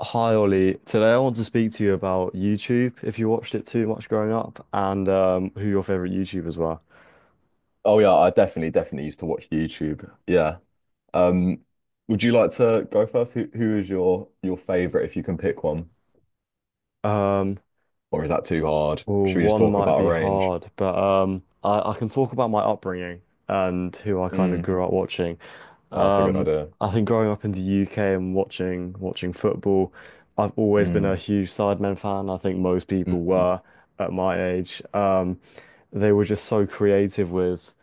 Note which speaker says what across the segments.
Speaker 1: Hi Ollie, today I want to speak to you about YouTube, if you watched it too much growing up, and who your favorite YouTubers were.
Speaker 2: Oh yeah, I definitely used to watch YouTube. Yeah. Um, would you like to go first? Who is your favorite if you can pick one?
Speaker 1: Um,
Speaker 2: Or is that too hard?
Speaker 1: well,
Speaker 2: Should we just
Speaker 1: one
Speaker 2: talk
Speaker 1: might
Speaker 2: about a
Speaker 1: be
Speaker 2: range?
Speaker 1: hard, but I can talk about my upbringing and who I kind of
Speaker 2: Mm.
Speaker 1: grew up watching.
Speaker 2: Oh, that's a good
Speaker 1: Um,
Speaker 2: idea.
Speaker 1: I think growing up in the UK and watching football, I've always been a
Speaker 2: Mm.
Speaker 1: huge Sidemen fan. I think most people
Speaker 2: Mm.
Speaker 1: were at my age. They were just so creative with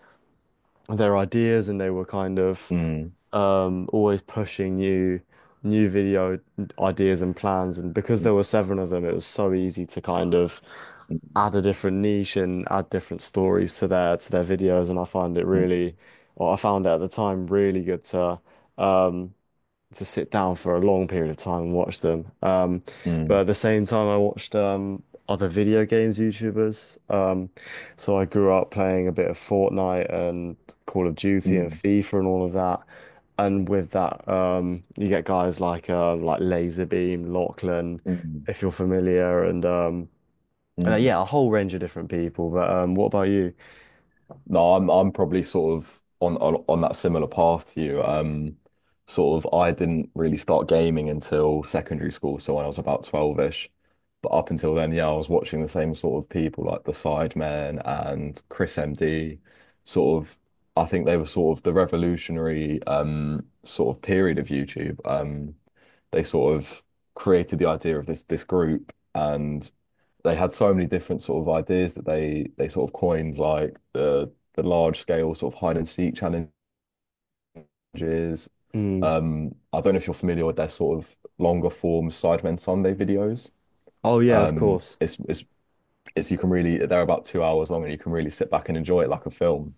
Speaker 1: their ideas, and they were kind of
Speaker 2: Mm.
Speaker 1: always pushing new video ideas and plans. And because there were seven of them, it was so easy to kind of add a different niche and add different stories to their videos. And I find it
Speaker 2: Mm. Mm.
Speaker 1: really, or I found it at the time really good to. um, to sit down for a long period of time and watch them.
Speaker 2: Mm.
Speaker 1: But at
Speaker 2: Mm.
Speaker 1: the same time, I watched other video games YouTubers. So I grew up playing a bit of Fortnite and Call of
Speaker 2: Mm.
Speaker 1: Duty and
Speaker 2: Mm.
Speaker 1: FIFA and all of that. And with that, you get guys like Laserbeam, Lachlan,
Speaker 2: Mm,
Speaker 1: if you're familiar, and
Speaker 2: mm.
Speaker 1: yeah, a whole range of different people. But what about you?
Speaker 2: No, I'm probably sort of on that similar path to you. Sort of I didn't really start gaming until secondary school, so when I was about 12-ish. But up until then, yeah, I was watching the same sort of people like the Sidemen and Chris MD. Sort of, I think they were sort of the revolutionary sort of period of YouTube. They sort of created the idea of this group and they had so many different sort of ideas that they sort of coined like the large scale sort of hide and seek challenges.
Speaker 1: Mm.
Speaker 2: I don't know if you're familiar with their sort of longer form Sidemen Sunday videos.
Speaker 1: Oh yeah, of
Speaker 2: Um,
Speaker 1: course.
Speaker 2: it's it's it's you can really they're about two hours long and you can really sit back and enjoy it like a film.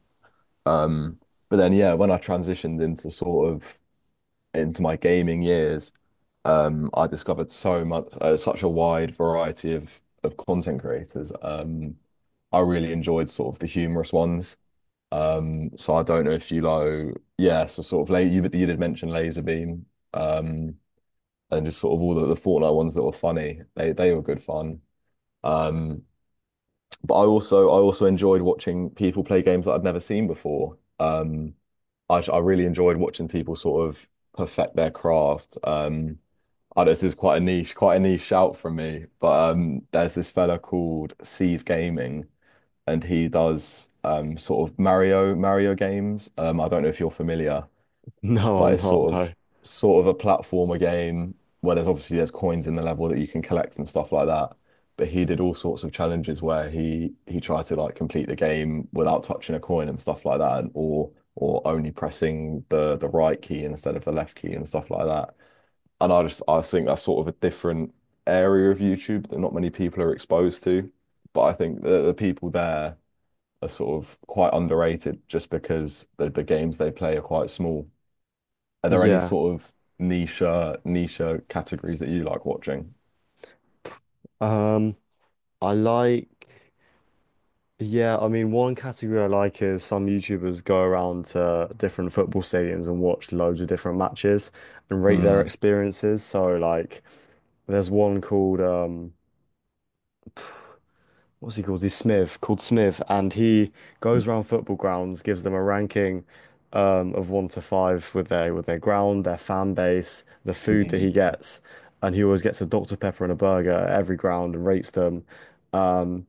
Speaker 2: Um, but then yeah, when I transitioned into sort of into my gaming years, I discovered so much, such a wide variety of content creators. I really enjoyed sort of the humorous ones. So I don't know if you know, yeah, so sort of late you did mention Laserbeam, um, and just sort of all the Fortnite ones that were funny. They were good fun. Um, but I also enjoyed watching people play games that I'd never seen before. I really enjoyed watching people sort of perfect their craft. Oh, this is quite a niche shout from me. But there's this fella called Sieve Gaming, and he does sort of Mario games. I don't know if you're familiar,
Speaker 1: No,
Speaker 2: but
Speaker 1: I'm
Speaker 2: it's
Speaker 1: not. No.
Speaker 2: sort of a platformer game where there's obviously there's coins in the level that you can collect and stuff like that. But he did all sorts of challenges where he tried to like complete the game without touching a coin and stuff like that, and, or only pressing the right key instead of the left key and stuff like that. And I think that's sort of a different area of YouTube that not many people are exposed to. But I think the people there are sort of quite underrated just because the games they play are quite small. Are there any
Speaker 1: Yeah.
Speaker 2: sort of niche categories that you like watching?
Speaker 1: Um, I like. Yeah, I mean, one category I like is some YouTubers go around to different football stadiums and watch loads of different matches and rate their
Speaker 2: Mm.
Speaker 1: experiences. So, like, there's one called, what's he called? He's Smith, called Smith, and he goes around football grounds, gives them a ranking, of one to five with their ground, their fan base, the food that he
Speaker 2: Mm,
Speaker 1: gets, and he always gets a Dr. Pepper and a burger at every ground and rates them. Um,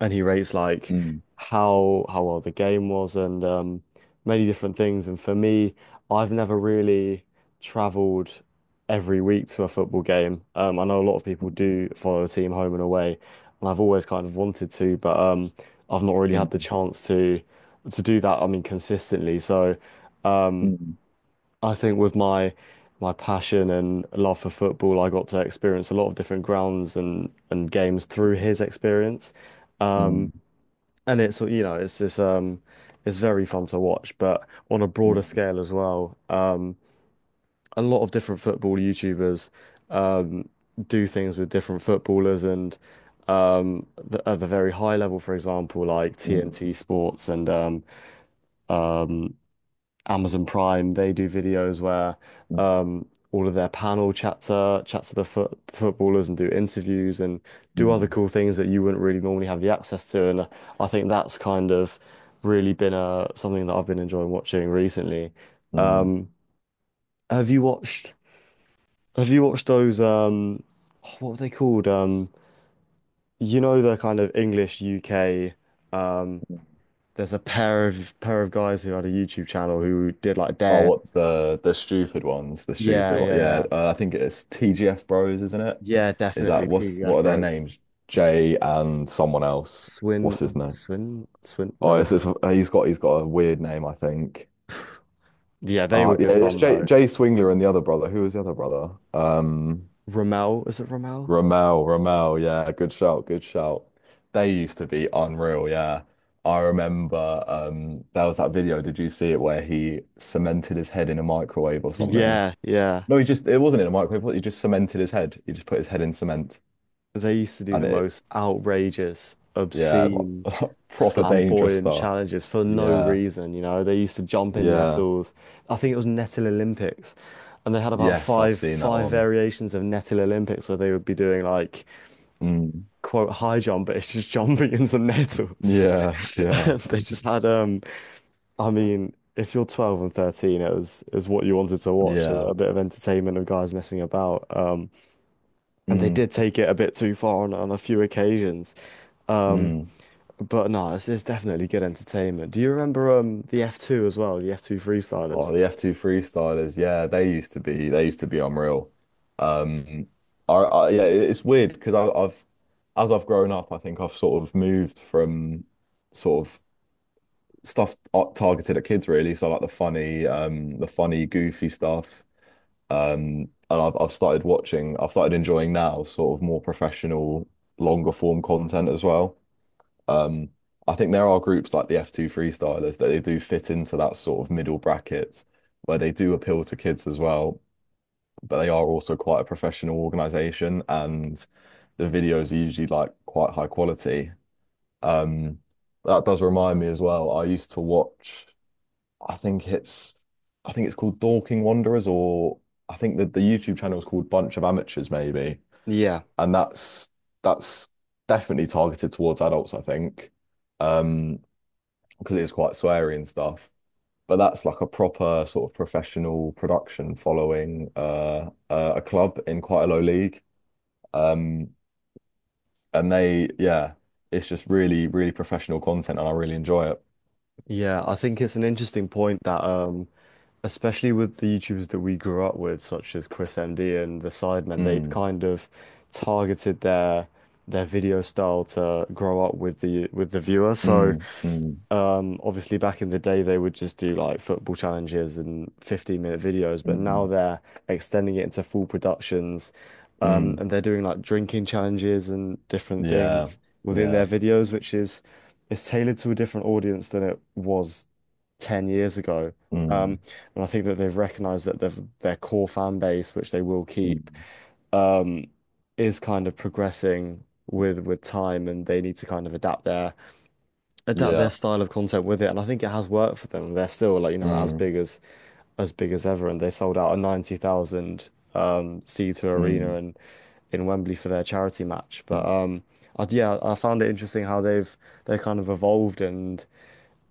Speaker 1: and he rates like
Speaker 2: mm,
Speaker 1: how well the game was, and many different things. And for me, I've never really traveled every week to a football game. I know a lot of people do follow the team home and away, and I've always kind of wanted to, but I've not really had the
Speaker 2: mm,
Speaker 1: chance to do that. I mean, consistently. So um,
Speaker 2: mm,
Speaker 1: I think with my passion and love for football, I got to experience a lot of different grounds and games through his experience.
Speaker 2: mm, mm,
Speaker 1: And it's, you know, it's this it's very fun to watch, but on a broader
Speaker 2: mm,
Speaker 1: scale as well, a lot of different football YouTubers um do things with different footballers and the, at the very high level, for example, like TNT
Speaker 2: mm,
Speaker 1: Sports and Amazon Prime, they do videos where
Speaker 2: mm, mm,
Speaker 1: um, all of their panel chats to the footballers and do interviews and do other
Speaker 2: mm,
Speaker 1: cool things that you wouldn't really normally have the access to. And I think that's kind of really been something that I've been enjoying watching recently.
Speaker 2: mm,
Speaker 1: Um, have you watched? Have you watched those? What were they called? You know the kind of English UK. Um,
Speaker 2: mm.
Speaker 1: there's a pair of guys who had a YouTube channel who did like
Speaker 2: Oh,
Speaker 1: dares.
Speaker 2: what the stupid ones, the
Speaker 1: Yeah,
Speaker 2: stupid one.
Speaker 1: yeah,
Speaker 2: Yeah,
Speaker 1: yeah.
Speaker 2: I think it's TGF Bros, isn't it?
Speaker 1: Yeah,
Speaker 2: Is that
Speaker 1: definitely two
Speaker 2: what's what are their
Speaker 1: Yakros.
Speaker 2: names? Jay and someone else.
Speaker 1: Swin,
Speaker 2: What's his name?
Speaker 1: Swin.
Speaker 2: Oh,
Speaker 1: No,
Speaker 2: it's,
Speaker 1: it's-
Speaker 2: it's uh, he's got a weird name, I think.
Speaker 1: yeah, they were
Speaker 2: Yeah,
Speaker 1: good
Speaker 2: it's
Speaker 1: fun
Speaker 2: Jay
Speaker 1: though.
Speaker 2: Jay Swingler and the other brother. Who was the other brother?
Speaker 1: Rommel, is it Rommel?
Speaker 2: Ramel, Ramel. Yeah, good shout. They used to be unreal. Yeah, I remember. There was that video. Did you see it where he cemented his head in a microwave or something?
Speaker 1: Yeah, yeah.
Speaker 2: No, he just, it wasn't in a microwave, was it? He just cemented his head. He just put his head in cement
Speaker 1: They used to do
Speaker 2: and
Speaker 1: the
Speaker 2: it,
Speaker 1: most outrageous,
Speaker 2: yeah,
Speaker 1: obscene,
Speaker 2: like, proper dangerous
Speaker 1: flamboyant
Speaker 2: stuff.
Speaker 1: challenges for no
Speaker 2: Yeah,
Speaker 1: reason. You know, they used to jump in
Speaker 2: yeah.
Speaker 1: nettles. I think it was Nettle Olympics, and they had about
Speaker 2: Yes, I've
Speaker 1: five
Speaker 2: seen that
Speaker 1: five
Speaker 2: one.
Speaker 1: variations of Nettle Olympics where they would be doing like
Speaker 2: Mm.
Speaker 1: quote high jump, but it's just jumping in some nettles.
Speaker 2: Yeah, yeah,
Speaker 1: They just had I mean, if you're 12 and 13, it was what you wanted to watch, so
Speaker 2: yeah.
Speaker 1: a bit of entertainment of guys messing about. And they
Speaker 2: Mm,
Speaker 1: did take it a bit too far on a few occasions. Um,
Speaker 2: mm.
Speaker 1: but no, it's definitely good entertainment. Do you remember the F2 as well, the F2 freestylers?
Speaker 2: Oh, the F2 freestylers, yeah, they used to be unreal. Um, I yeah, it- it's weird because I've, as I've grown up, I think I've sort of moved from sort of stuff targeted at kids really. So like the funny, goofy stuff. And I've started watching, I've started enjoying now sort of more professional, longer form content as well. Um, I think there are groups like the F2 Freestylers that they do fit into that sort of middle bracket where they do appeal to kids as well, but they are also quite a professional organization and the videos are usually like quite high quality. Um, that does remind me as well. I used to watch I think it's I think it's called Dorking Wanderers or I think that the YouTube channel is called Bunch of Amateurs maybe,
Speaker 1: Yeah,
Speaker 2: and that's that's definitely targeted towards adults I think, um because it is quite sweary and stuff, but that's like a proper sort of professional production following a club in quite a low league, um and they yeah, it's just really professional content and I really enjoy it.
Speaker 1: yeah. I think it's an interesting point that especially with the YouTubers that we grew up with, such as Chris MD and the Sidemen, they've
Speaker 2: Mm,
Speaker 1: kind of targeted their video style to grow up with the viewer. So.
Speaker 2: mm, mm,
Speaker 1: Obviously back in the day they would just do like football challenges and 15-minute videos, but now
Speaker 2: mm,
Speaker 1: they're extending it into full productions.
Speaker 2: mm,
Speaker 1: And they're doing like drinking challenges and different
Speaker 2: yeah,
Speaker 1: things within their
Speaker 2: yeah.
Speaker 1: videos, which is it's tailored to a different audience than it was 10 years ago.
Speaker 2: Mm,
Speaker 1: Um, and I think that they've recognized that their core fan base, which they will keep,
Speaker 2: mm,
Speaker 1: um, is kind of progressing with time, and they need to kind of adapt their
Speaker 2: yeah.
Speaker 1: style of content with it, and I think it has worked for them. They're still like you know
Speaker 2: Mm,
Speaker 1: as big as ever, and they sold out a 90,000 seater arena
Speaker 2: mm,
Speaker 1: and in Wembley for their charity match. But
Speaker 2: mm.
Speaker 1: um, I, yeah, I found it interesting how they've they kind of evolved and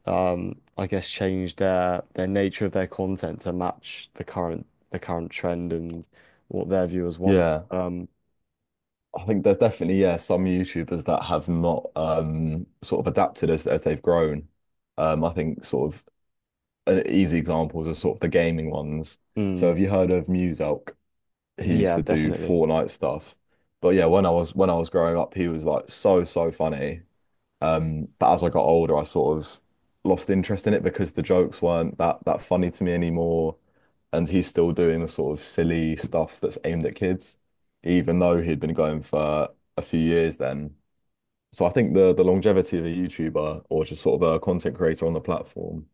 Speaker 1: I guess changed their nature of their content to match the current trend and what their viewers want.
Speaker 2: Yeah. I think there's definitely, yeah, some YouTubers that have not sort of adapted as they've grown. I think sort of an easy examples are sort of the gaming ones. So
Speaker 1: Mm,
Speaker 2: have you heard of Muzalk? He used
Speaker 1: yeah,
Speaker 2: to do
Speaker 1: definitely.
Speaker 2: Fortnite stuff. But yeah, when I was growing up, he was like so funny. But as I got older, I sort of lost interest in it because the jokes weren't that funny to me anymore. And he's still doing the sort of silly stuff that's aimed at kids, even though he'd been going for a few years then. So I think the longevity of a YouTuber or just sort of a content creator on the platform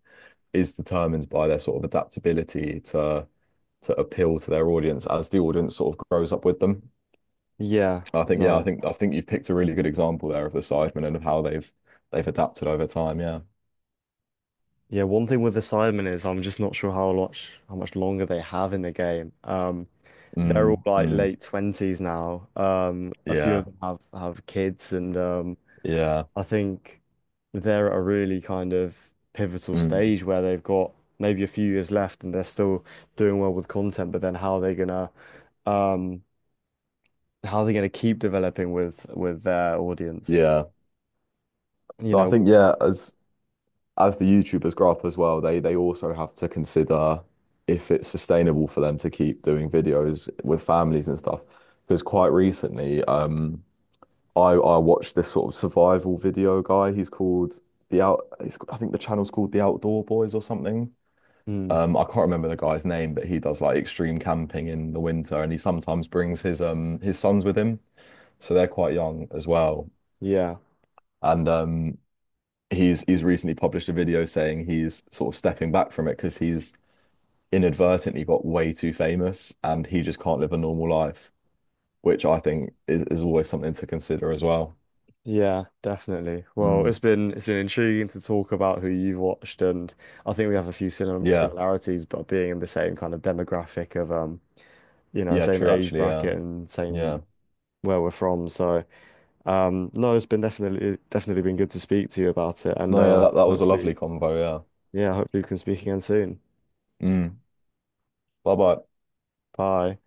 Speaker 2: is determined by their sort of adaptability to appeal to their audience as the audience sort of grows up with them.
Speaker 1: Yeah,
Speaker 2: I think, yeah, I
Speaker 1: no.
Speaker 2: think I think you've picked a really good example there of the Sidemen and of how they've adapted over time, yeah.
Speaker 1: Yeah, one thing with the Cybermen is I'm just not sure how much longer they have in the game. They're all
Speaker 2: Mm,
Speaker 1: like
Speaker 2: mm,
Speaker 1: late twenties now. A few of
Speaker 2: yeah,
Speaker 1: them have kids, and
Speaker 2: yeah,
Speaker 1: I think they're at a really kind of pivotal
Speaker 2: mm,
Speaker 1: stage where they've got maybe a few years left, and they're still doing well with content. But then how are they gonna um, how are they gonna keep developing with their audience?
Speaker 2: yeah.
Speaker 1: You
Speaker 2: No, I
Speaker 1: know,
Speaker 2: think yeah, as the YouTubers grow up as well, they also have to consider if it's sustainable for them to keep doing videos with families and stuff. Because quite recently, I watched this sort of survival video guy. He's called the out. He's, I think the channel's called the Outdoor Boys or something.
Speaker 1: mm,
Speaker 2: I can't remember the guy's name, but he does like extreme camping in the winter, and he sometimes brings his sons with him. So they're quite young as well.
Speaker 1: yeah.
Speaker 2: And he's recently published a video saying he's sort of stepping back from it because he's inadvertently got way too famous and he just can't live a normal life, which I think is always something to consider as well.
Speaker 1: Yeah, definitely. Well,
Speaker 2: Mm,
Speaker 1: it's been intriguing to talk about who you've watched, and I think we have a few sim
Speaker 2: yeah,
Speaker 1: similarities, but being in the same kind of demographic of you know,
Speaker 2: yeah,
Speaker 1: same
Speaker 2: true,
Speaker 1: age
Speaker 2: actually, yeah,
Speaker 1: bracket and same
Speaker 2: yeah.
Speaker 1: where we're from. So, no, it's been definitely definitely been good to speak to you about it, and
Speaker 2: No, yeah, that was a
Speaker 1: hopefully,
Speaker 2: lovely convo,
Speaker 1: yeah, hopefully we can speak again soon.
Speaker 2: yeah. Mm, bye bye.
Speaker 1: Bye.